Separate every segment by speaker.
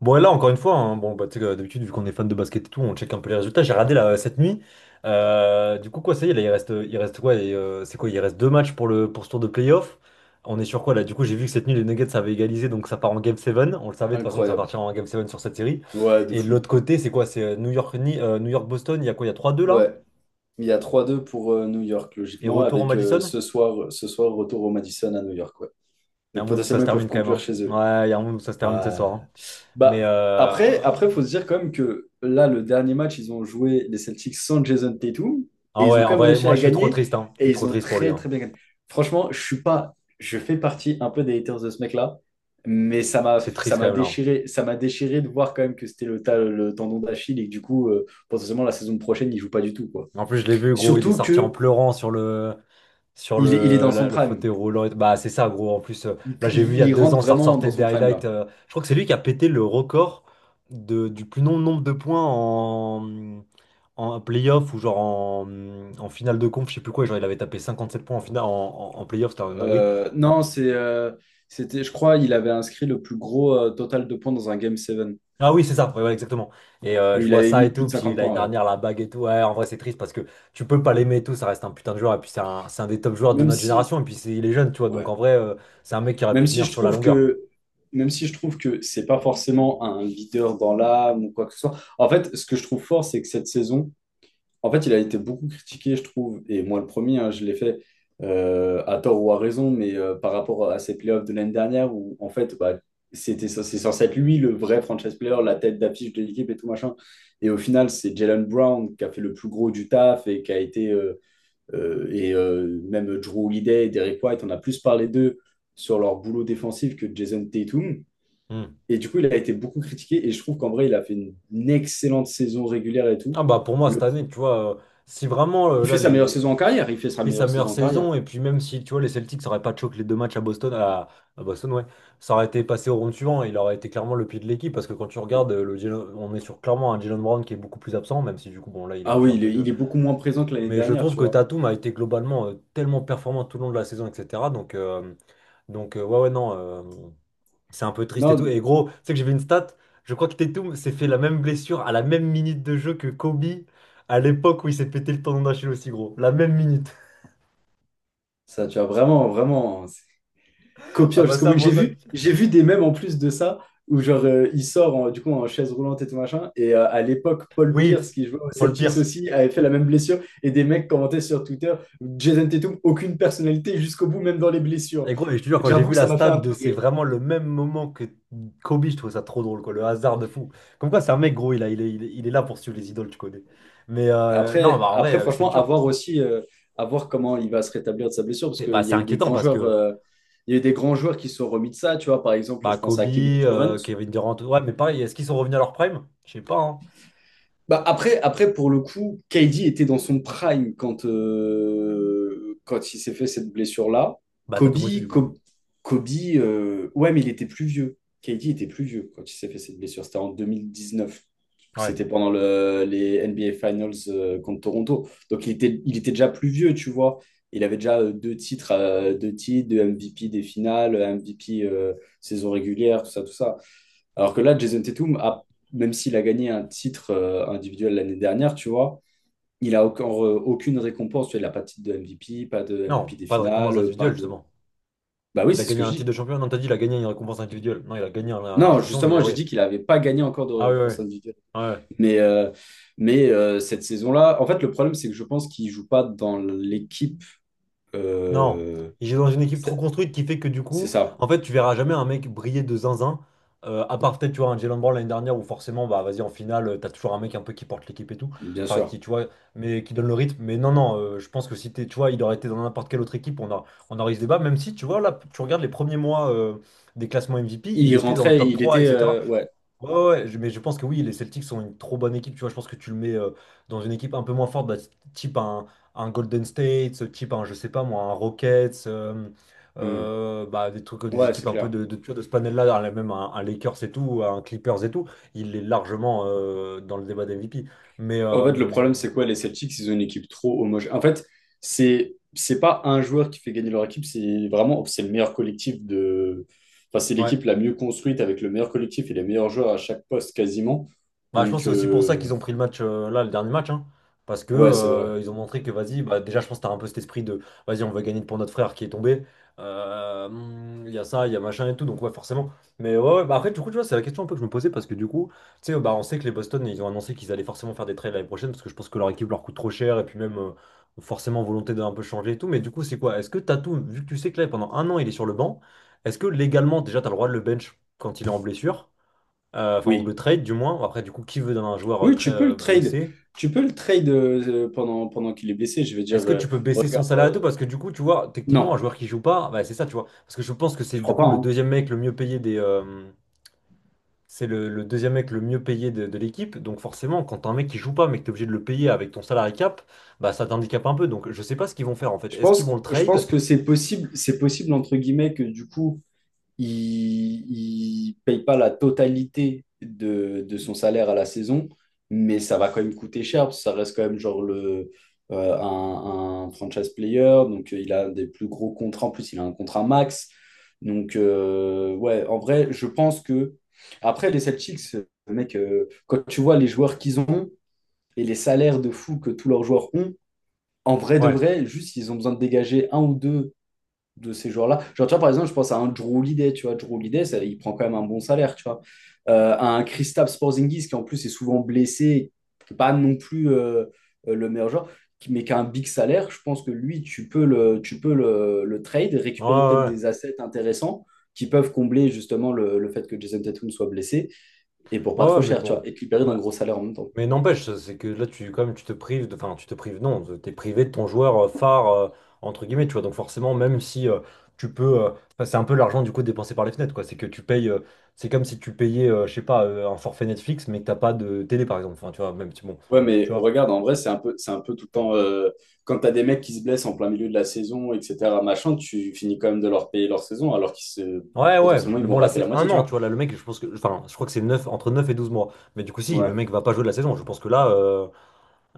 Speaker 1: Bon, et là, encore une fois, hein, bon, bah, tu sais, d'habitude, vu qu'on est fan de basket et tout, on check un peu les résultats. J'ai regardé là, cette nuit. Du coup, quoi, ça y est, là, il reste quoi? Et, c'est quoi? Il reste 2 matchs pour pour ce tour de playoff. On est sur quoi là? Du coup, j'ai vu que cette nuit, les Nuggets avaient égalisé, donc ça part en Game 7. On le savait de toute façon que ça
Speaker 2: Incroyable.
Speaker 1: partirait en Game 7 sur cette série.
Speaker 2: Ouais, de
Speaker 1: Et de
Speaker 2: fou.
Speaker 1: l'autre côté, c'est quoi? C'est New York, New York-Boston, il y a quoi? Il y a trois deux là?
Speaker 2: Ouais. Il y a 3-2 pour New York,
Speaker 1: Et
Speaker 2: logiquement,
Speaker 1: retour au
Speaker 2: avec
Speaker 1: Madison?
Speaker 2: ce soir, retour au Madison à New York. Ouais.
Speaker 1: Il y a
Speaker 2: Donc
Speaker 1: un monde où ça
Speaker 2: potentiellement,
Speaker 1: se
Speaker 2: ils peuvent
Speaker 1: termine quand même,
Speaker 2: conclure
Speaker 1: hein.
Speaker 2: chez eux.
Speaker 1: Ouais, il y a un monde où ça se termine ce
Speaker 2: Ouais.
Speaker 1: soir, hein. Mais
Speaker 2: Bah, après, faut se dire quand même que là, le dernier match, ils ont joué les Celtics sans Jason Tatum et
Speaker 1: ah
Speaker 2: ils
Speaker 1: ouais,
Speaker 2: ont
Speaker 1: en
Speaker 2: quand même
Speaker 1: vrai,
Speaker 2: réussi
Speaker 1: moi,
Speaker 2: à
Speaker 1: je suis trop
Speaker 2: gagner
Speaker 1: triste, hein. Je
Speaker 2: et
Speaker 1: suis
Speaker 2: ils
Speaker 1: trop
Speaker 2: ont
Speaker 1: triste pour lui,
Speaker 2: très
Speaker 1: hein.
Speaker 2: très bien gagné. Franchement, je suis pas, je fais partie un peu des haters de ce mec-là, mais
Speaker 1: C'est triste quand même là, hein.
Speaker 2: ça m'a déchiré de voir quand même que c'était le tendon d'Achille et que du coup, potentiellement la saison prochaine, il joue pas du tout quoi.
Speaker 1: En plus, je l'ai vu, gros, il est
Speaker 2: Surtout
Speaker 1: sorti en
Speaker 2: que
Speaker 1: pleurant sur sur
Speaker 2: il est dans son
Speaker 1: le
Speaker 2: prime,
Speaker 1: fauteuil roulant. Et bah, c'est ça, gros. En plus, là, j'ai vu il y a
Speaker 2: il
Speaker 1: deux
Speaker 2: rentre
Speaker 1: ans, ça
Speaker 2: vraiment dans
Speaker 1: ressortait des
Speaker 2: son prime
Speaker 1: highlights.
Speaker 2: là.
Speaker 1: Je crois que c'est lui qui a pété le record du plus long nombre de points en playoff ou genre en finale de conf, je sais plus quoi. Genre, il avait tapé 57 points en finale, en playoff, c'était un dinguerie.
Speaker 2: Non, c'est, c'était, Je crois, il avait inscrit le plus gros total de points dans un Game 7.
Speaker 1: Ah oui, c'est ça, ouais, ouais, exactement. Et je
Speaker 2: Il
Speaker 1: vois
Speaker 2: avait
Speaker 1: ça
Speaker 2: mis
Speaker 1: et
Speaker 2: plus
Speaker 1: tout,
Speaker 2: de
Speaker 1: puis
Speaker 2: 50
Speaker 1: l'année
Speaker 2: points, ouais.
Speaker 1: dernière, la bague et tout, ouais, en vrai, c'est triste parce que tu peux pas l'aimer et tout, ça reste un putain de joueur, et puis c'est un des top joueurs de
Speaker 2: Même
Speaker 1: notre
Speaker 2: si,
Speaker 1: génération, et puis c'est, il est jeune, tu vois, donc
Speaker 2: ouais.
Speaker 1: en vrai, c'est un mec qui aurait
Speaker 2: Même
Speaker 1: pu
Speaker 2: si
Speaker 1: tenir
Speaker 2: je
Speaker 1: sur la
Speaker 2: trouve
Speaker 1: longueur.
Speaker 2: que, Même si je trouve que c'est pas forcément un leader dans l'âme ou quoi que ce soit. En fait, ce que je trouve fort, c'est que cette saison, en fait, il a été beaucoup critiqué, je trouve, et moi le premier, hein, je l'ai fait à tort ou à raison, mais par rapport à ses playoffs de l'année dernière où, en fait, bah, c'est censé être lui le vrai franchise player, la tête d'affiche de l'équipe et tout machin. Et au final, c'est Jalen Brown qui a fait le plus gros du taf et qui a été. Même Drew Holiday et Derrick White, on a plus parlé d'eux sur leur boulot défensif que Jason Tatum.
Speaker 1: Hmm.
Speaker 2: Et du coup, il a été beaucoup critiqué et je trouve qu'en vrai, il a fait une excellente saison régulière et tout.
Speaker 1: Ah bah pour moi, cette année, tu vois, si vraiment,
Speaker 2: Il fait
Speaker 1: là,
Speaker 2: sa meilleure saison en carrière, il fait sa
Speaker 1: fait sa
Speaker 2: meilleure
Speaker 1: meilleure
Speaker 2: saison en carrière.
Speaker 1: saison, et puis même si, tu vois, les Celtics n'auraient pas choqué les deux matchs à Boston, à Boston, ouais, ça aurait été passé au round suivant, et il aurait été clairement le pied de l'équipe, parce que quand tu regardes, Jalen- on est sur clairement un Jalen Brown qui est beaucoup plus absent, même si du coup, bon, là, il est
Speaker 2: Ah
Speaker 1: obligé
Speaker 2: oui,
Speaker 1: un peu
Speaker 2: il
Speaker 1: de.
Speaker 2: est beaucoup moins présent que l'année
Speaker 1: Mais je
Speaker 2: dernière,
Speaker 1: trouve
Speaker 2: tu
Speaker 1: que
Speaker 2: vois.
Speaker 1: Tatum a été globalement tellement performant tout le long de la saison, etc. Donc ouais, ouais, non, c'est un peu triste et
Speaker 2: Non,
Speaker 1: tout.
Speaker 2: d-
Speaker 1: Et gros, tu sais que j'ai vu une stat, je crois que Tatum s'est fait la même blessure à la même minute de jeu que Kobe à l'époque où il s'est pété le tendon d'Achille aussi, gros. La même minute.
Speaker 2: Ça, tu vois, vraiment, vraiment, c'est
Speaker 1: Ah
Speaker 2: copiant
Speaker 1: bah
Speaker 2: jusqu'au
Speaker 1: ça,
Speaker 2: bout.
Speaker 1: bon, ça.
Speaker 2: J'ai vu des mèmes en plus de ça, où genre, il sort du coup en chaise roulante et tout machin, et à l'époque, Paul Pierce,
Speaker 1: Oui,
Speaker 2: qui jouait aux
Speaker 1: Paul
Speaker 2: Celtics
Speaker 1: Pierce.
Speaker 2: aussi, avait fait la même blessure, et des mecs commentaient sur Twitter: Jason Tatum, aucune personnalité jusqu'au bout, même dans les blessures.
Speaker 1: Et gros, et je te jure, quand j'ai
Speaker 2: J'avoue
Speaker 1: vu
Speaker 2: que
Speaker 1: la
Speaker 2: ça m'a fait
Speaker 1: stat
Speaker 2: un
Speaker 1: de
Speaker 2: peu
Speaker 1: c'est
Speaker 2: rire.
Speaker 1: vraiment le même moment que Kobe, je trouve ça trop drôle, quoi. Le hasard de fou. Comme quoi, c'est un mec, gros, il est il est là pour suivre les idoles, tu connais. Mais non, bah en vrai,
Speaker 2: Après,
Speaker 1: c'est
Speaker 2: franchement, à
Speaker 1: dur.
Speaker 2: voir aussi, à voir comment il va se rétablir de sa blessure, parce
Speaker 1: C'est
Speaker 2: qu'
Speaker 1: bah, c'est inquiétant parce que
Speaker 2: il y a eu des grands joueurs qui se sont remis de ça, tu vois. Par exemple,
Speaker 1: bah,
Speaker 2: je pense
Speaker 1: Kobe,
Speaker 2: à Kevin Durant.
Speaker 1: Kevin Durant, ouais, mais pareil, est-ce qu'ils sont revenus à leur prime? Je sais pas, hein.
Speaker 2: Bah après, pour le coup, KD était dans son prime quand il s'est fait cette blessure-là.
Speaker 1: Bah,
Speaker 2: Kobe,
Speaker 1: Tatum aussi, du coup.
Speaker 2: Co- Kobe, ouais, mais il était plus vieux. KD était plus vieux quand il s'est fait cette blessure. C'était en 2019.
Speaker 1: Ouais.
Speaker 2: C'était pendant les NBA Finals contre Toronto. Donc il était déjà plus vieux, tu vois. Il avait déjà deux titres, deux MVP des finales, MVP saison régulière, tout ça, tout ça. Alors que là, Jason Tatum a, même s'il a gagné un titre individuel l'année dernière, tu vois, il a encore aucune récompense. Tu vois, il n'a pas de titre de MVP, pas de MVP
Speaker 1: Non,
Speaker 2: des
Speaker 1: pas de
Speaker 2: finales,
Speaker 1: récompense
Speaker 2: pas
Speaker 1: individuelle,
Speaker 2: de.
Speaker 1: justement.
Speaker 2: Bah oui,
Speaker 1: Il a
Speaker 2: c'est ce
Speaker 1: gagné
Speaker 2: que je
Speaker 1: un titre de
Speaker 2: dis.
Speaker 1: champion. Non, t'as dit, il a gagné une récompense individuelle. Non, il a gagné un
Speaker 2: Non,
Speaker 1: champion, mais
Speaker 2: justement, j'ai dit
Speaker 1: ouais.
Speaker 2: qu'il n'avait pas gagné encore de
Speaker 1: Ah, ouais,
Speaker 2: récompense
Speaker 1: ouais.
Speaker 2: individuelle.
Speaker 1: Ouais.
Speaker 2: Mais, euh, mais cette saison-là, en fait, le problème, c'est que je pense qu'il ne joue pas dans l'équipe.
Speaker 1: Non,
Speaker 2: euh,
Speaker 1: il est dans une équipe trop
Speaker 2: C'est
Speaker 1: construite qui fait que du
Speaker 2: c'est
Speaker 1: coup,
Speaker 2: ça,
Speaker 1: en fait, tu verras jamais un mec briller de zinzin. À part peut-être, tu vois, un Jalen Brown l'année dernière où forcément, bah vas-y, en finale, t'as toujours un mec un peu qui porte l'équipe et tout.
Speaker 2: bien
Speaker 1: Enfin,
Speaker 2: sûr.
Speaker 1: qui, tu vois, mais qui donne le rythme. Mais non, non, je pense que si t'es, tu vois, il aurait été dans n'importe quelle autre équipe, on aurait eu ce débat. Même si, tu vois, là, tu regardes les premiers mois des classements MVP,
Speaker 2: Il
Speaker 1: il
Speaker 2: y
Speaker 1: était dans le
Speaker 2: rentrait,
Speaker 1: top
Speaker 2: il
Speaker 1: 3,
Speaker 2: était.
Speaker 1: etc.
Speaker 2: Ouais.
Speaker 1: Ouais, ouais, ouais, je- mais je pense que oui, les Celtics sont une trop bonne équipe. Tu vois, je pense que tu le mets dans une équipe un peu moins forte, bah, type un Golden State, type un, je sais pas moi, un Rockets,
Speaker 2: Hmm.
Speaker 1: bah, des trucs, des
Speaker 2: Ouais,
Speaker 1: équipes
Speaker 2: c'est
Speaker 1: un peu
Speaker 2: clair.
Speaker 1: tu vois, de ce panel-là, même un Lakers et tout, un Clippers et tout. Il est largement dans le débat d'MVP. Mais
Speaker 2: En fait, le problème, c'est quoi? Les Celtics, ils ont une équipe trop homogène. En fait, c'est pas un joueur qui fait gagner leur équipe, c'est vraiment c'est le meilleur collectif de. Enfin, c'est
Speaker 1: ouais.
Speaker 2: l'équipe la mieux construite avec le meilleur collectif et les meilleurs joueurs à chaque poste quasiment.
Speaker 1: Bah, je pense que
Speaker 2: Donc,
Speaker 1: c'est aussi pour ça qu'ils ont pris le match là, le dernier match, hein. Parce que
Speaker 2: ouais, c'est vrai.
Speaker 1: ils ont montré que vas-y, bah, déjà je pense que t'as un peu cet esprit de vas-y, on va gagner pour notre frère qui est tombé. Il y a ça, il y a machin et tout, donc ouais, forcément. Mais ouais, ouais, bah après, du coup, tu vois, c'est la question un peu que je me posais parce que du coup, tu sais, bah, on sait que les Boston ils ont annoncé qu'ils allaient forcément faire des trades l'année prochaine parce que je pense que leur équipe leur coûte trop cher et puis même forcément volonté d'un peu changer et tout. Mais du coup, c'est quoi? Est-ce que Tatum, vu que tu sais que là pendant 1 an il est sur le banc, est-ce que légalement déjà t'as le droit de le bench quand il est en blessure? Enfin ou le
Speaker 2: Oui.
Speaker 1: trade du moins. Après, du coup, qui veut d'un joueur
Speaker 2: Oui,
Speaker 1: très
Speaker 2: tu peux le trade.
Speaker 1: blessé?
Speaker 2: Tu peux le trade pendant qu'il est blessé. Je veux
Speaker 1: Est-ce
Speaker 2: dire,
Speaker 1: que tu peux baisser son
Speaker 2: regarde.
Speaker 1: salaire à tout? Parce que du coup, tu vois, techniquement, un
Speaker 2: Non,
Speaker 1: joueur qui joue pas, bah, c'est ça, tu vois. Parce que je pense que c'est
Speaker 2: je
Speaker 1: du
Speaker 2: crois pas.
Speaker 1: coup le
Speaker 2: Hein.
Speaker 1: deuxième mec le mieux payé des, c'est le deuxième mec le mieux payé de l'équipe. Donc forcément, quand t'as un mec qui joue pas, mais que t'es obligé de le payer avec ton salary cap, bah ça t'handicape un peu. Donc je sais pas ce qu'ils vont faire en fait. Est-ce qu'ils vont le
Speaker 2: Je pense
Speaker 1: trade?
Speaker 2: que c'est possible, entre guillemets, que du coup il ne paye pas la totalité de son salaire à la saison, mais ça va quand même coûter cher, parce que ça reste quand même genre un franchise player, donc il a des plus gros contrats, en plus il a un contrat max. Donc ouais, en vrai, je pense que... Après, les Celtics, mec, quand tu vois les joueurs qu'ils ont et les salaires de fou que tous leurs joueurs ont, en vrai de
Speaker 1: Ouais.
Speaker 2: vrai, juste ils ont besoin de dégager un ou deux de ces joueurs-là. Genre, tu vois, par exemple, je pense à un Drew Holiday, tu vois, Drew Holiday, ça, il prend quand même un bon salaire, tu vois. À un Kristaps Porzingis qui, en plus, est souvent blessé, qui est pas non plus le meilleur joueur, mais qui a un big salaire, je pense que lui, tu peux le trade,
Speaker 1: Ouais,
Speaker 2: récupérer peut-être
Speaker 1: ouais, ouais.
Speaker 2: des assets intéressants qui peuvent combler justement le fait que Jason Tatum soit blessé et pour
Speaker 1: Ouais,
Speaker 2: pas
Speaker 1: ouais,
Speaker 2: trop
Speaker 1: mais
Speaker 2: cher, tu vois,
Speaker 1: bon.
Speaker 2: et te libérer d'un gros salaire en même temps.
Speaker 1: Mais n'empêche, ça, c'est que là, tu, quand même, tu te prives, de- enfin, tu te prives, non, t'es privé de ton joueur phare, entre guillemets, tu vois. Donc forcément, même si enfin, c'est un peu l'argent du coup dépensé par les fenêtres, quoi. C'est que tu payes, c'est comme si tu payais, je sais pas, un forfait Netflix, mais que t'as pas de télé, par exemple. Enfin, tu vois, même si bon,
Speaker 2: Ouais, mais
Speaker 1: tu vois.
Speaker 2: regarde, en vrai, c'est un peu tout le temps. Quand t'as des mecs qui se blessent en plein milieu de la saison, etc., machin, tu finis quand même de leur payer leur saison, alors qu'ils se,
Speaker 1: Ouais, ouais,
Speaker 2: potentiellement, ils
Speaker 1: mais
Speaker 2: vont
Speaker 1: bon, là,
Speaker 2: rater la
Speaker 1: c'est
Speaker 2: moitié,
Speaker 1: un
Speaker 2: tu
Speaker 1: an, tu
Speaker 2: vois.
Speaker 1: vois. Là, le mec, je pense que, enfin, je crois que c'est 9 entre 9 et 12 mois. Mais du coup, si, le
Speaker 2: Ouais.
Speaker 1: mec va pas jouer de la saison. Je pense que là,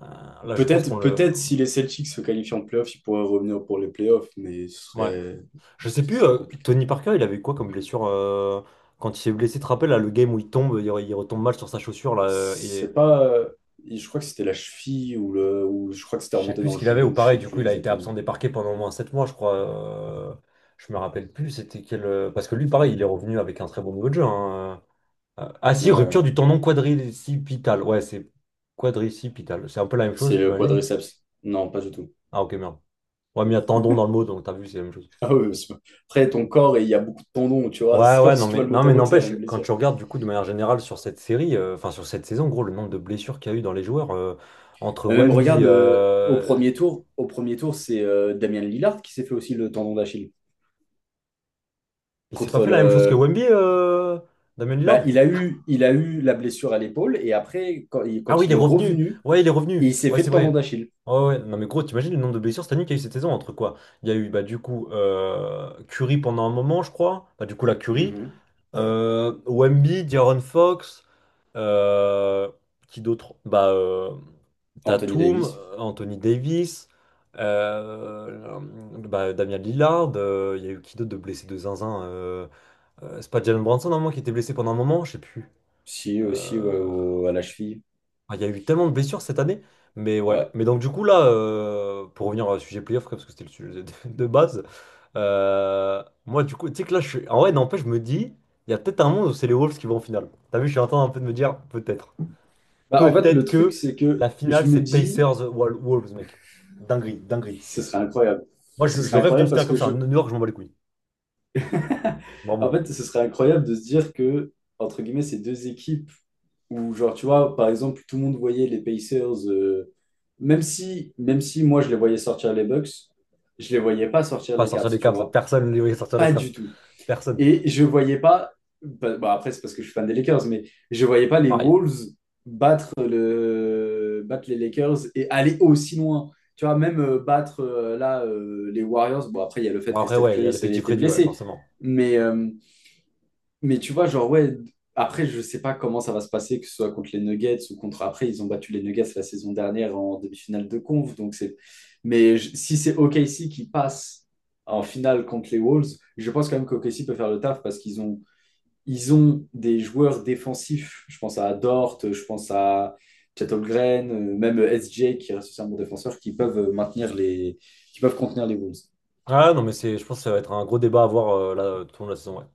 Speaker 1: euh, là, je pense qu'on le.
Speaker 2: Peut-être si les Celtics se qualifient en playoff, ils pourraient revenir pour les playoffs, mais
Speaker 1: Ouais. Je sais
Speaker 2: ce
Speaker 1: plus,
Speaker 2: serait compliqué.
Speaker 1: Tony Parker, il avait quoi comme blessure quand il s'est blessé, tu te rappelles, là, le game où il tombe, il retombe mal sur sa chaussure, là, et
Speaker 2: C'est pas. Je crois que c'était la cheville ou le, ou je crois que c'était
Speaker 1: je sais
Speaker 2: remonté
Speaker 1: plus
Speaker 2: dans
Speaker 1: ce
Speaker 2: le
Speaker 1: qu'il avait, ou
Speaker 2: genou, je
Speaker 1: pareil,
Speaker 2: sais
Speaker 1: du
Speaker 2: plus
Speaker 1: coup, il a été absent
Speaker 2: exactement.
Speaker 1: des parquets pendant au moins 7 mois, je crois. Je me rappelle plus, c'était quel. Parce que lui, pareil, il est revenu avec un très bon niveau de jeu, hein, ah si, rupture
Speaker 2: Ouais.
Speaker 1: du tendon quadricipital. Ouais, c'est quadricipital. C'est un peu la même chose,
Speaker 2: C'est le
Speaker 1: j'imagine.
Speaker 2: quadriceps. Non, pas du tout.
Speaker 1: Ah, ok, merde. Ouais, mais il y a tendon dans le mot, donc t'as vu, c'est la même chose.
Speaker 2: Ah oui, parce que après, ton corps, et il y a beaucoup de tendons, tu vois.
Speaker 1: Ouais,
Speaker 2: C'est pas
Speaker 1: ouais,
Speaker 2: parce
Speaker 1: non,
Speaker 2: que tu vois
Speaker 1: mais
Speaker 2: le mot
Speaker 1: non, mais
Speaker 2: tendon que c'est la
Speaker 1: n'empêche,
Speaker 2: même
Speaker 1: quand
Speaker 2: blessure.
Speaker 1: tu regardes du coup de manière générale sur cette série, enfin sur cette saison, gros, le nombre de blessures qu'il y a eu dans les joueurs entre
Speaker 2: Mais même,
Speaker 1: Wemby,
Speaker 2: regarde, au premier tour, c'est Damien Lillard qui s'est fait aussi le tendon d'Achille.
Speaker 1: il s'est pas
Speaker 2: Contre
Speaker 1: fait la même chose que
Speaker 2: le...
Speaker 1: Wemby, euh. Damien
Speaker 2: Bah,
Speaker 1: Lillard?
Speaker 2: il a eu la blessure à l'épaule, et après,
Speaker 1: Ah oui,
Speaker 2: quand
Speaker 1: il est
Speaker 2: il est
Speaker 1: revenu,
Speaker 2: revenu,
Speaker 1: ouais, il est revenu,
Speaker 2: il s'est
Speaker 1: ouais,
Speaker 2: fait
Speaker 1: c'est
Speaker 2: le tendon
Speaker 1: vrai.
Speaker 2: d'Achille.
Speaker 1: Ouais, ouais, non, mais gros, t'imagines le nombre de blessures cette année qu'il y a eu cette saison entre quoi? Il y a eu bah, du coup Curry pendant un moment, je crois, bah, du coup la Curry,
Speaker 2: Mhm.
Speaker 1: Wemby, De'Aaron Fox, euh, qui d'autre? Bah,
Speaker 2: Anthony
Speaker 1: Tatum,
Speaker 2: Davis.
Speaker 1: Anthony Davis, euh, bah, Damian Lillard, il y a eu qui d'autre de blessé de zinzin? C'est pas Jalen Brunson, normalement, qui était blessé pendant un moment, je sais plus.
Speaker 2: Si, aussi, ouais,
Speaker 1: Euh,
Speaker 2: à la cheville.
Speaker 1: Il y a eu tellement de blessures cette année. Mais ouais.
Speaker 2: Ouais.
Speaker 1: Mais donc du coup là, pour revenir au sujet playoff, parce que c'était le sujet de base, moi du coup, tu sais que là, je suis... En vrai, n'empêche, je me dis, il y a peut-être un monde où c'est les Wolves qui vont en finale. T'as vu, je suis en train un peu de me dire, peut-être.
Speaker 2: Bah, en fait, le
Speaker 1: Peut-être
Speaker 2: truc,
Speaker 1: que
Speaker 2: c'est que
Speaker 1: la
Speaker 2: je
Speaker 1: finale,
Speaker 2: me
Speaker 1: c'est
Speaker 2: dis,
Speaker 1: Pacers-Wolves, mec. Dinguerie, dinguerie.
Speaker 2: ce serait incroyable.
Speaker 1: Moi,
Speaker 2: Ce
Speaker 1: je
Speaker 2: serait
Speaker 1: rêve d'une
Speaker 2: incroyable parce
Speaker 1: finale comme
Speaker 2: que je,
Speaker 1: ça. New York, je m'en bats les couilles.
Speaker 2: en
Speaker 1: Vraiment.
Speaker 2: fait, ce serait incroyable de se dire que, entre guillemets, ces deux équipes où, genre, tu vois, par exemple, tout le monde voyait les Pacers, même si moi, je les voyais sortir les Bucks, je les voyais pas sortir
Speaker 1: Pas
Speaker 2: les
Speaker 1: sortir
Speaker 2: Cavs,
Speaker 1: les
Speaker 2: tu
Speaker 1: Cavs.
Speaker 2: vois,
Speaker 1: Personne ne les voyait sortir les
Speaker 2: pas
Speaker 1: Cavs.
Speaker 2: du tout.
Speaker 1: Personne.
Speaker 2: Et je voyais pas, bah, après, c'est parce que je suis fan des Lakers, mais je voyais pas les
Speaker 1: Pareil.
Speaker 2: Wolves battre les Lakers et aller aussi loin. Tu vois, même battre là les Warriors. Bon, après, il y a le
Speaker 1: Bon,
Speaker 2: fait que
Speaker 1: après,
Speaker 2: Steph
Speaker 1: ouais, il y a
Speaker 2: Curry ça a
Speaker 1: l'effectif
Speaker 2: été
Speaker 1: réduit, ouais,
Speaker 2: blessé.
Speaker 1: forcément.
Speaker 2: Mais, euh, mais tu vois, genre, ouais, après, je sais pas comment ça va se passer, que ce soit contre les Nuggets ou contre. Après, ils ont battu les Nuggets la saison dernière en demi-finale de conf. Donc c'est... Mais si c'est OKC qui passe en finale contre les Wolves, je pense quand même qu'OKC peut faire le taf parce qu'ils ont... Ils ont des joueurs défensifs. Je pense à Dort, je pense à Chet Holmgren, même SJ qui reste aussi un bon défenseur, qui peuvent maintenir les... qui peuvent contenir les Wolves.
Speaker 1: Ah non, mais c'est, je pense que ça va être un gros débat à avoir là, tout au long de la saison, ouais.